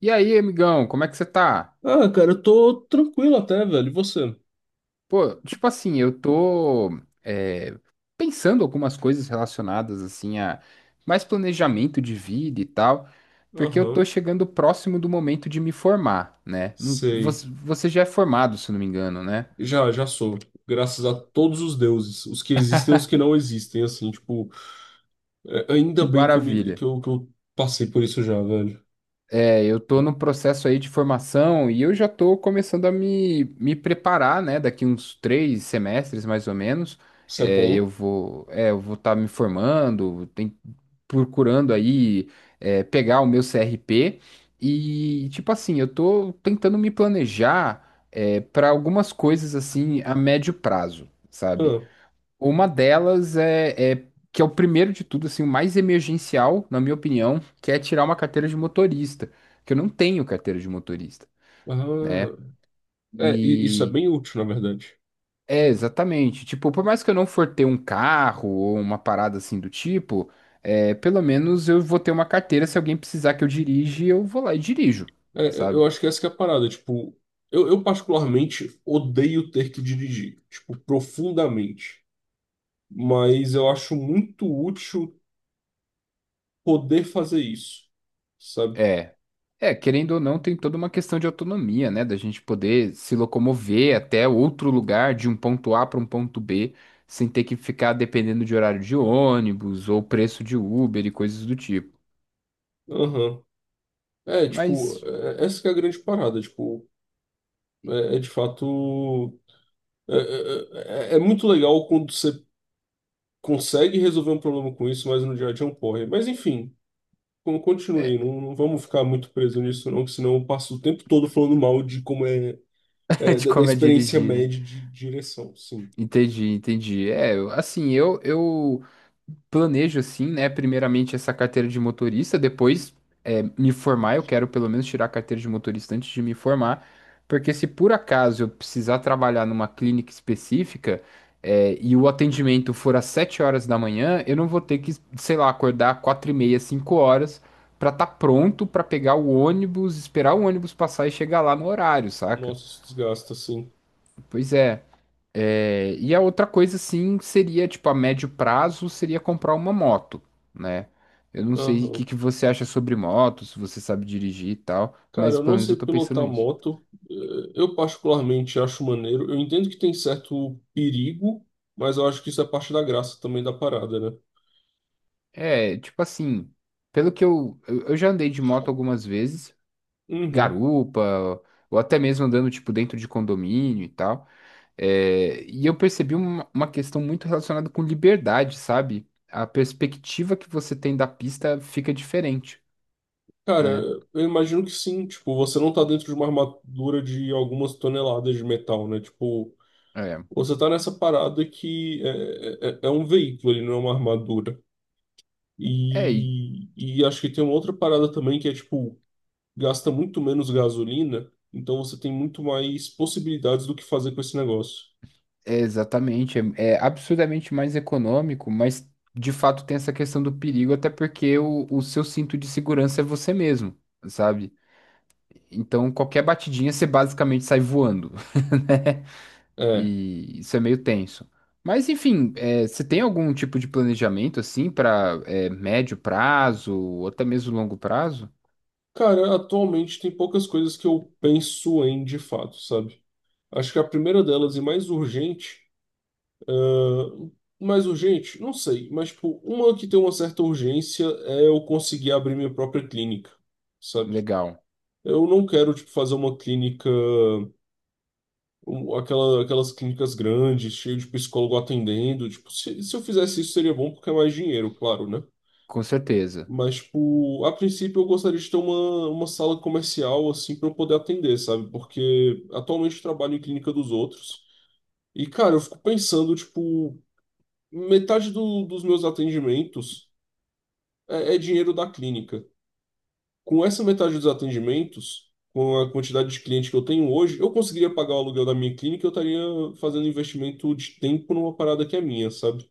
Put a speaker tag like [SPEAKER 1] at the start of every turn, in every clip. [SPEAKER 1] E aí, amigão, como é que você tá?
[SPEAKER 2] Ah, cara, eu tô tranquilo até, velho. E você?
[SPEAKER 1] Pô, tipo assim, eu tô é, pensando algumas coisas relacionadas assim a mais planejamento de vida e tal, porque eu tô
[SPEAKER 2] Aham,
[SPEAKER 1] chegando próximo do momento de me formar, né?
[SPEAKER 2] sei.
[SPEAKER 1] Você já é formado, se eu não me engano, né?
[SPEAKER 2] Já, já sou. Graças a todos os deuses, os que existem e os que não existem, assim, tipo,
[SPEAKER 1] Que
[SPEAKER 2] ainda bem que eu, me,
[SPEAKER 1] maravilha.
[SPEAKER 2] que eu passei por isso já, velho.
[SPEAKER 1] É, eu tô no processo aí de formação e eu já tô começando a me preparar, né? Daqui uns 3 semestres, mais ou menos,
[SPEAKER 2] Isso é bom.
[SPEAKER 1] eu vou estar me formando, tem, procurando aí, pegar o meu CRP e, tipo assim, eu tô tentando me planejar, para algumas coisas assim a médio prazo, sabe?
[SPEAKER 2] Ah,
[SPEAKER 1] Uma delas que é o primeiro de tudo, assim, o mais emergencial, na minha opinião, que é tirar uma carteira de motorista, que eu não tenho carteira de motorista, né?
[SPEAKER 2] ah, e isso é
[SPEAKER 1] E
[SPEAKER 2] bem útil, na verdade.
[SPEAKER 1] é exatamente, tipo, por mais que eu não for ter um carro ou uma parada assim do tipo, pelo menos eu vou ter uma carteira, se alguém precisar que eu dirija, eu vou lá e dirijo,
[SPEAKER 2] É, eu
[SPEAKER 1] sabe?
[SPEAKER 2] eu acho que essa que é a parada, tipo, eu particularmente odeio ter que dirigir, tipo, profundamente, mas eu acho muito útil poder fazer isso, sabe?
[SPEAKER 1] É. É, querendo ou não, tem toda uma questão de autonomia, né? Da gente poder se locomover até outro lugar, de um ponto A para um ponto B, sem ter que ficar dependendo de horário de ônibus ou preço de Uber e coisas do tipo.
[SPEAKER 2] Aham. É, tipo,
[SPEAKER 1] Mas
[SPEAKER 2] essa que é a grande parada, tipo, é de fato. É muito legal quando você consegue resolver um problema com isso, mas no dia a dia é um porre. Mas enfim, con-
[SPEAKER 1] é,
[SPEAKER 2] continue, não vamos ficar muito preso nisso, não, que senão eu passo o tempo todo falando mal de como
[SPEAKER 1] de
[SPEAKER 2] da
[SPEAKER 1] como é
[SPEAKER 2] experiência
[SPEAKER 1] dirigir, né?
[SPEAKER 2] média de direção. Sim.
[SPEAKER 1] Entendi, entendi. É, assim, eu planejo assim, né? Primeiramente essa carteira de motorista, depois me formar, eu quero pelo menos tirar a carteira de motorista antes de me formar, porque se por acaso eu precisar trabalhar numa clínica específica, e o atendimento for às 7 horas da manhã, eu não vou ter que, sei lá, acordar 4:30, 5 horas pra estar pronto pra pegar o ônibus, esperar o ônibus passar e chegar lá no horário, saca?
[SPEAKER 2] Nossa, isso desgasta, sim.
[SPEAKER 1] Pois é. É, e a outra coisa, assim, seria, tipo, a médio prazo, seria comprar uma moto, né? Eu não sei o que
[SPEAKER 2] Aham.
[SPEAKER 1] que você acha sobre moto, se você sabe dirigir e tal,
[SPEAKER 2] Cara,
[SPEAKER 1] mas
[SPEAKER 2] eu
[SPEAKER 1] pelo
[SPEAKER 2] não
[SPEAKER 1] menos
[SPEAKER 2] sei
[SPEAKER 1] eu tô pensando
[SPEAKER 2] pilotar
[SPEAKER 1] isso.
[SPEAKER 2] moto. Eu particularmente acho maneiro. Eu entendo que tem certo perigo, mas eu acho que isso é parte da graça também da parada, né?
[SPEAKER 1] É, tipo assim, pelo que eu já andei de moto algumas vezes,
[SPEAKER 2] Uhum.
[SPEAKER 1] garupa, ou até mesmo andando, tipo, dentro de condomínio e tal, e eu percebi uma questão muito relacionada com liberdade, sabe? A perspectiva que você tem da pista fica diferente,
[SPEAKER 2] Cara,
[SPEAKER 1] né?
[SPEAKER 2] eu imagino que sim. Tipo, você não tá dentro de uma armadura de algumas toneladas de metal, né? Tipo,
[SPEAKER 1] É.
[SPEAKER 2] você tá nessa parada que é um veículo, ele não é uma armadura.
[SPEAKER 1] É, e
[SPEAKER 2] E acho que tem uma outra parada também que é, tipo, gasta muito menos gasolina, então você tem muito mais possibilidades do que fazer com esse negócio.
[SPEAKER 1] É, exatamente, é absurdamente mais econômico, mas de fato tem essa questão do perigo, até porque o seu cinto de segurança é você mesmo, sabe? Então qualquer batidinha você basicamente sai voando, né?
[SPEAKER 2] É.
[SPEAKER 1] E isso é meio tenso. Mas enfim, é, você tem algum tipo de planejamento assim para médio prazo ou até mesmo longo prazo?
[SPEAKER 2] Cara, atualmente tem poucas coisas que eu penso em de fato, sabe? Acho que a primeira delas e mais urgente, ah, mais urgente, não sei, mas tipo, uma que tem uma certa urgência é eu conseguir abrir minha própria clínica, sabe?
[SPEAKER 1] Legal,
[SPEAKER 2] Eu não quero tipo fazer uma clínica, aquelas clínicas grandes, cheio de psicólogo atendendo, tipo, se eu fizesse isso seria bom porque é mais dinheiro, claro, né?
[SPEAKER 1] com certeza.
[SPEAKER 2] Mas, tipo, a princípio eu gostaria de ter uma sala comercial, assim, para eu poder atender, sabe? Porque atualmente eu trabalho em clínica dos outros. E, cara, eu fico pensando, tipo, metade dos meus atendimentos é dinheiro da clínica. Com essa metade dos atendimentos, com a quantidade de cliente que eu tenho hoje, eu conseguiria pagar o aluguel da minha clínica e eu estaria fazendo investimento de tempo numa parada que é minha, sabe?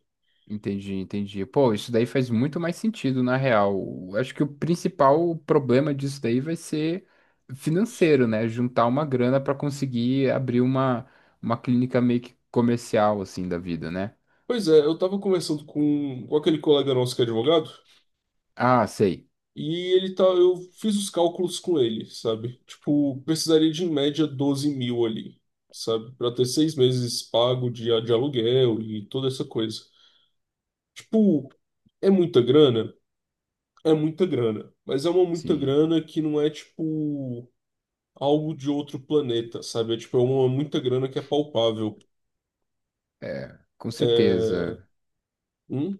[SPEAKER 1] Entendi, entendi. Pô, isso daí faz muito mais sentido, na real. Acho que o principal problema disso daí vai ser financeiro, né? Juntar uma grana para conseguir abrir uma clínica meio que comercial, assim, da vida, né?
[SPEAKER 2] Pois é, eu tava conversando com aquele colega nosso que é advogado.
[SPEAKER 1] Ah, sei.
[SPEAKER 2] Eu fiz os cálculos com ele, sabe? Tipo, precisaria de em média 12 mil ali, sabe? Pra ter 6 meses pago de aluguel e toda essa coisa. Tipo, é muita grana? É muita grana. Mas é uma muita
[SPEAKER 1] Sim,
[SPEAKER 2] grana que não é, tipo, algo de outro planeta, sabe? É, tipo, é uma muita grana que é palpável.
[SPEAKER 1] com
[SPEAKER 2] É.
[SPEAKER 1] certeza.
[SPEAKER 2] Hum?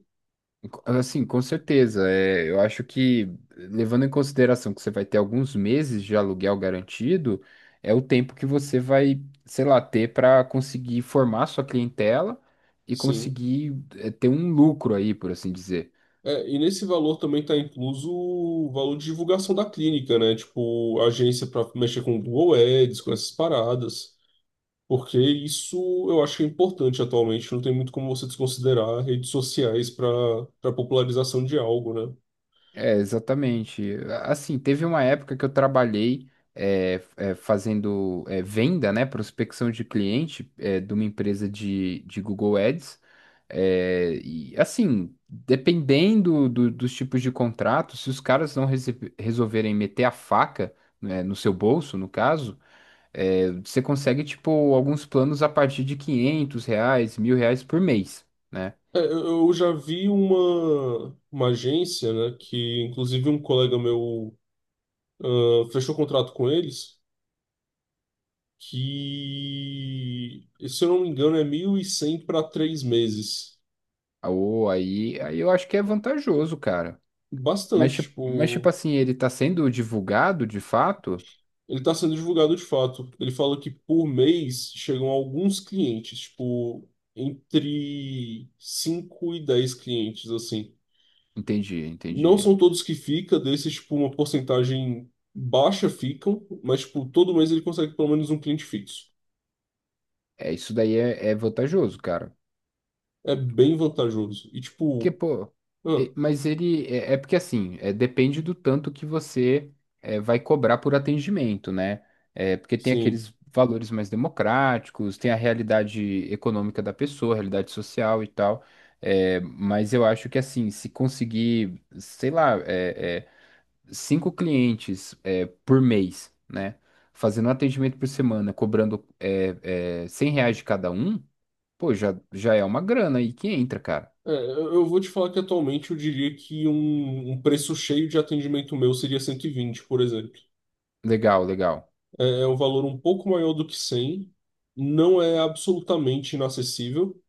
[SPEAKER 1] Assim, com certeza. É, eu acho que, levando em consideração que você vai ter alguns meses de aluguel garantido, é o tempo que você vai, sei lá, ter para conseguir formar sua clientela e
[SPEAKER 2] Sim.
[SPEAKER 1] conseguir, é, ter um lucro aí, por assim dizer.
[SPEAKER 2] É, e nesse valor também está incluso o valor de divulgação da clínica, né? Tipo, agência para mexer com o Google Ads, com essas paradas. Porque isso eu acho que é importante atualmente. Não tem muito como você desconsiderar redes sociais para popularização de algo, né?
[SPEAKER 1] É, exatamente. Assim, teve uma época que eu trabalhei fazendo venda, né, prospecção de cliente de uma empresa de Google Ads. É, e assim, dependendo dos tipos de contrato, se os caras não resolverem meter a faca, né, no seu bolso, no caso, você consegue, tipo, alguns planos a partir de R$ 500, R$ 1.000 por mês, né?
[SPEAKER 2] É, eu já vi uma agência, né? Que inclusive um colega meu fechou contrato com eles. Que, se eu não me engano, é 1.100 para 3 meses.
[SPEAKER 1] Ou aí, aí eu acho que é vantajoso, cara.
[SPEAKER 2] Bastante,
[SPEAKER 1] Mas, tipo
[SPEAKER 2] tipo,
[SPEAKER 1] assim, ele tá sendo divulgado de fato?
[SPEAKER 2] ele tá sendo divulgado de fato. Ele fala que por mês chegam alguns clientes, tipo, entre 5 e 10 clientes, assim.
[SPEAKER 1] Entendi,
[SPEAKER 2] Não
[SPEAKER 1] entendi.
[SPEAKER 2] são todos que fica, desses, tipo, uma porcentagem baixa ficam, mas, tipo, todo mês ele consegue pelo menos um cliente fixo.
[SPEAKER 1] É, isso daí é, é vantajoso, cara.
[SPEAKER 2] É bem vantajoso. E,
[SPEAKER 1] Porque,
[SPEAKER 2] tipo,
[SPEAKER 1] pô,
[SPEAKER 2] ah,
[SPEAKER 1] e- mas ele. É, é porque assim, depende do tanto que você vai cobrar por atendimento, né? É, porque tem
[SPEAKER 2] sim.
[SPEAKER 1] aqueles valores mais democráticos, tem a realidade econômica da pessoa, a realidade social e tal. É, mas eu acho que assim, se conseguir, sei lá, cinco clientes por mês, né? Fazendo um atendimento por semana, cobrando R$ 100 de cada um, pô, já, já é uma grana aí que entra, cara.
[SPEAKER 2] É, eu vou te falar que atualmente eu diria que um preço cheio de atendimento meu seria 120, por exemplo.
[SPEAKER 1] Legal, legal.
[SPEAKER 2] É um valor um pouco maior do que 100. Não é absolutamente inacessível.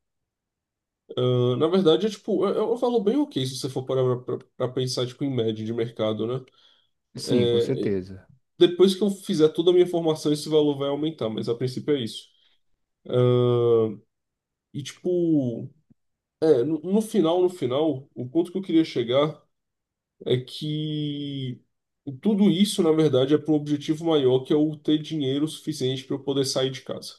[SPEAKER 2] Ah, na verdade, é tipo, é um valor bem ok se você for parar pra pensar tipo, em média de mercado, né?
[SPEAKER 1] Sim, com
[SPEAKER 2] É,
[SPEAKER 1] certeza.
[SPEAKER 2] depois que eu fizer toda a minha formação, esse valor vai aumentar, mas a princípio é isso. E tipo, no final, o ponto que eu queria chegar é que tudo isso, na verdade, é para um objetivo maior, que é o ter dinheiro suficiente para eu poder sair de casa.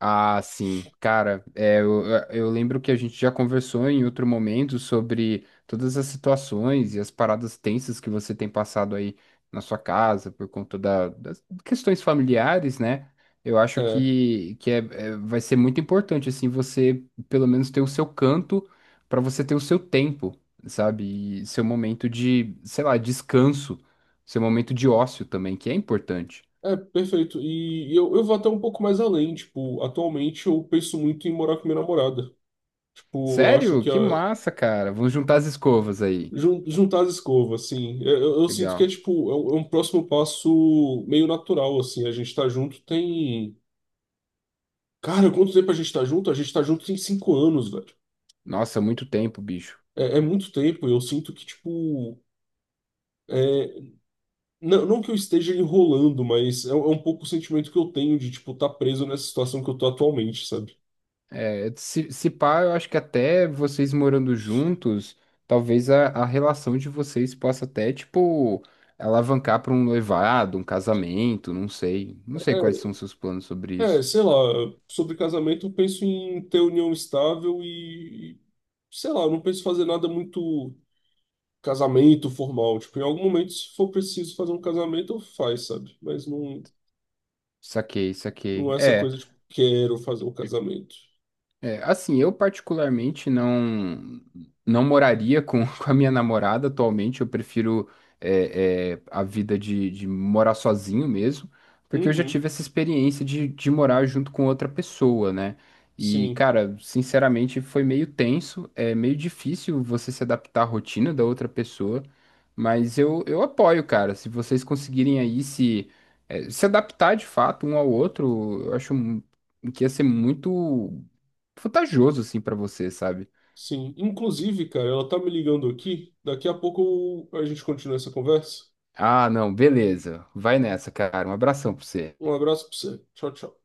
[SPEAKER 1] Ah, sim. Cara, é, eu lembro que a gente já conversou em outro momento sobre todas as situações e as paradas tensas que você tem passado aí na sua casa por conta das questões familiares, né? Eu acho
[SPEAKER 2] É.
[SPEAKER 1] que vai ser muito importante, assim, você pelo menos ter o seu canto para você ter o seu tempo, sabe? E seu momento de, sei lá, descanso, seu momento de ócio também, que é importante.
[SPEAKER 2] É, perfeito. E eu vou até um pouco mais além. Tipo, atualmente eu penso muito em morar com minha namorada. Tipo, eu acho
[SPEAKER 1] Sério?
[SPEAKER 2] que
[SPEAKER 1] Que massa, cara. Vamos juntar as escovas aí.
[SPEAKER 2] juntar as escovas, assim. Eu sinto que
[SPEAKER 1] Legal.
[SPEAKER 2] é, tipo, é um próximo passo meio natural, assim. A gente tá junto tem. Cara, quanto tempo a gente tá junto? A gente tá junto tem 5 anos, velho.
[SPEAKER 1] Nossa, muito tempo, bicho.
[SPEAKER 2] É muito tempo. Eu sinto que, tipo. É. Não, não que eu esteja enrolando, mas é um pouco o sentimento que eu tenho de, tipo, tá preso nessa situação que eu tô atualmente, sabe?
[SPEAKER 1] É, se pá, eu acho que até vocês morando juntos, talvez a relação de vocês possa até, tipo, alavancar para um noivado, um casamento, não sei. Não sei quais são os seus planos sobre
[SPEAKER 2] É,
[SPEAKER 1] isso.
[SPEAKER 2] sei lá, sobre casamento eu penso em ter união estável e, sei lá, eu não penso em fazer nada muito casamento formal. Tipo, em algum momento, se for preciso fazer um casamento, eu faz, sabe? Mas não,
[SPEAKER 1] Saquei,
[SPEAKER 2] não
[SPEAKER 1] saquei.
[SPEAKER 2] é essa
[SPEAKER 1] É.
[SPEAKER 2] coisa, tipo, quero fazer um casamento.
[SPEAKER 1] É, assim, eu particularmente não não moraria com, com a minha namorada atualmente. Eu prefiro a vida de morar sozinho mesmo, porque eu já
[SPEAKER 2] Uhum,
[SPEAKER 1] tive essa experiência de morar junto com outra pessoa, né? E,
[SPEAKER 2] sim,
[SPEAKER 1] cara, sinceramente, foi meio tenso, é meio difícil você se adaptar à rotina da outra pessoa, mas eu apoio, cara. Se vocês conseguirem aí se adaptar de fato um ao outro, eu acho que ia ser muito vantajoso assim pra você, sabe?
[SPEAKER 2] sim. Inclusive, cara, ela tá me ligando aqui. Daqui a pouco a gente continua essa conversa.
[SPEAKER 1] Ah, não, beleza. Vai nessa, cara. Um abração pra você.
[SPEAKER 2] Um abraço pra você. Tchau, tchau.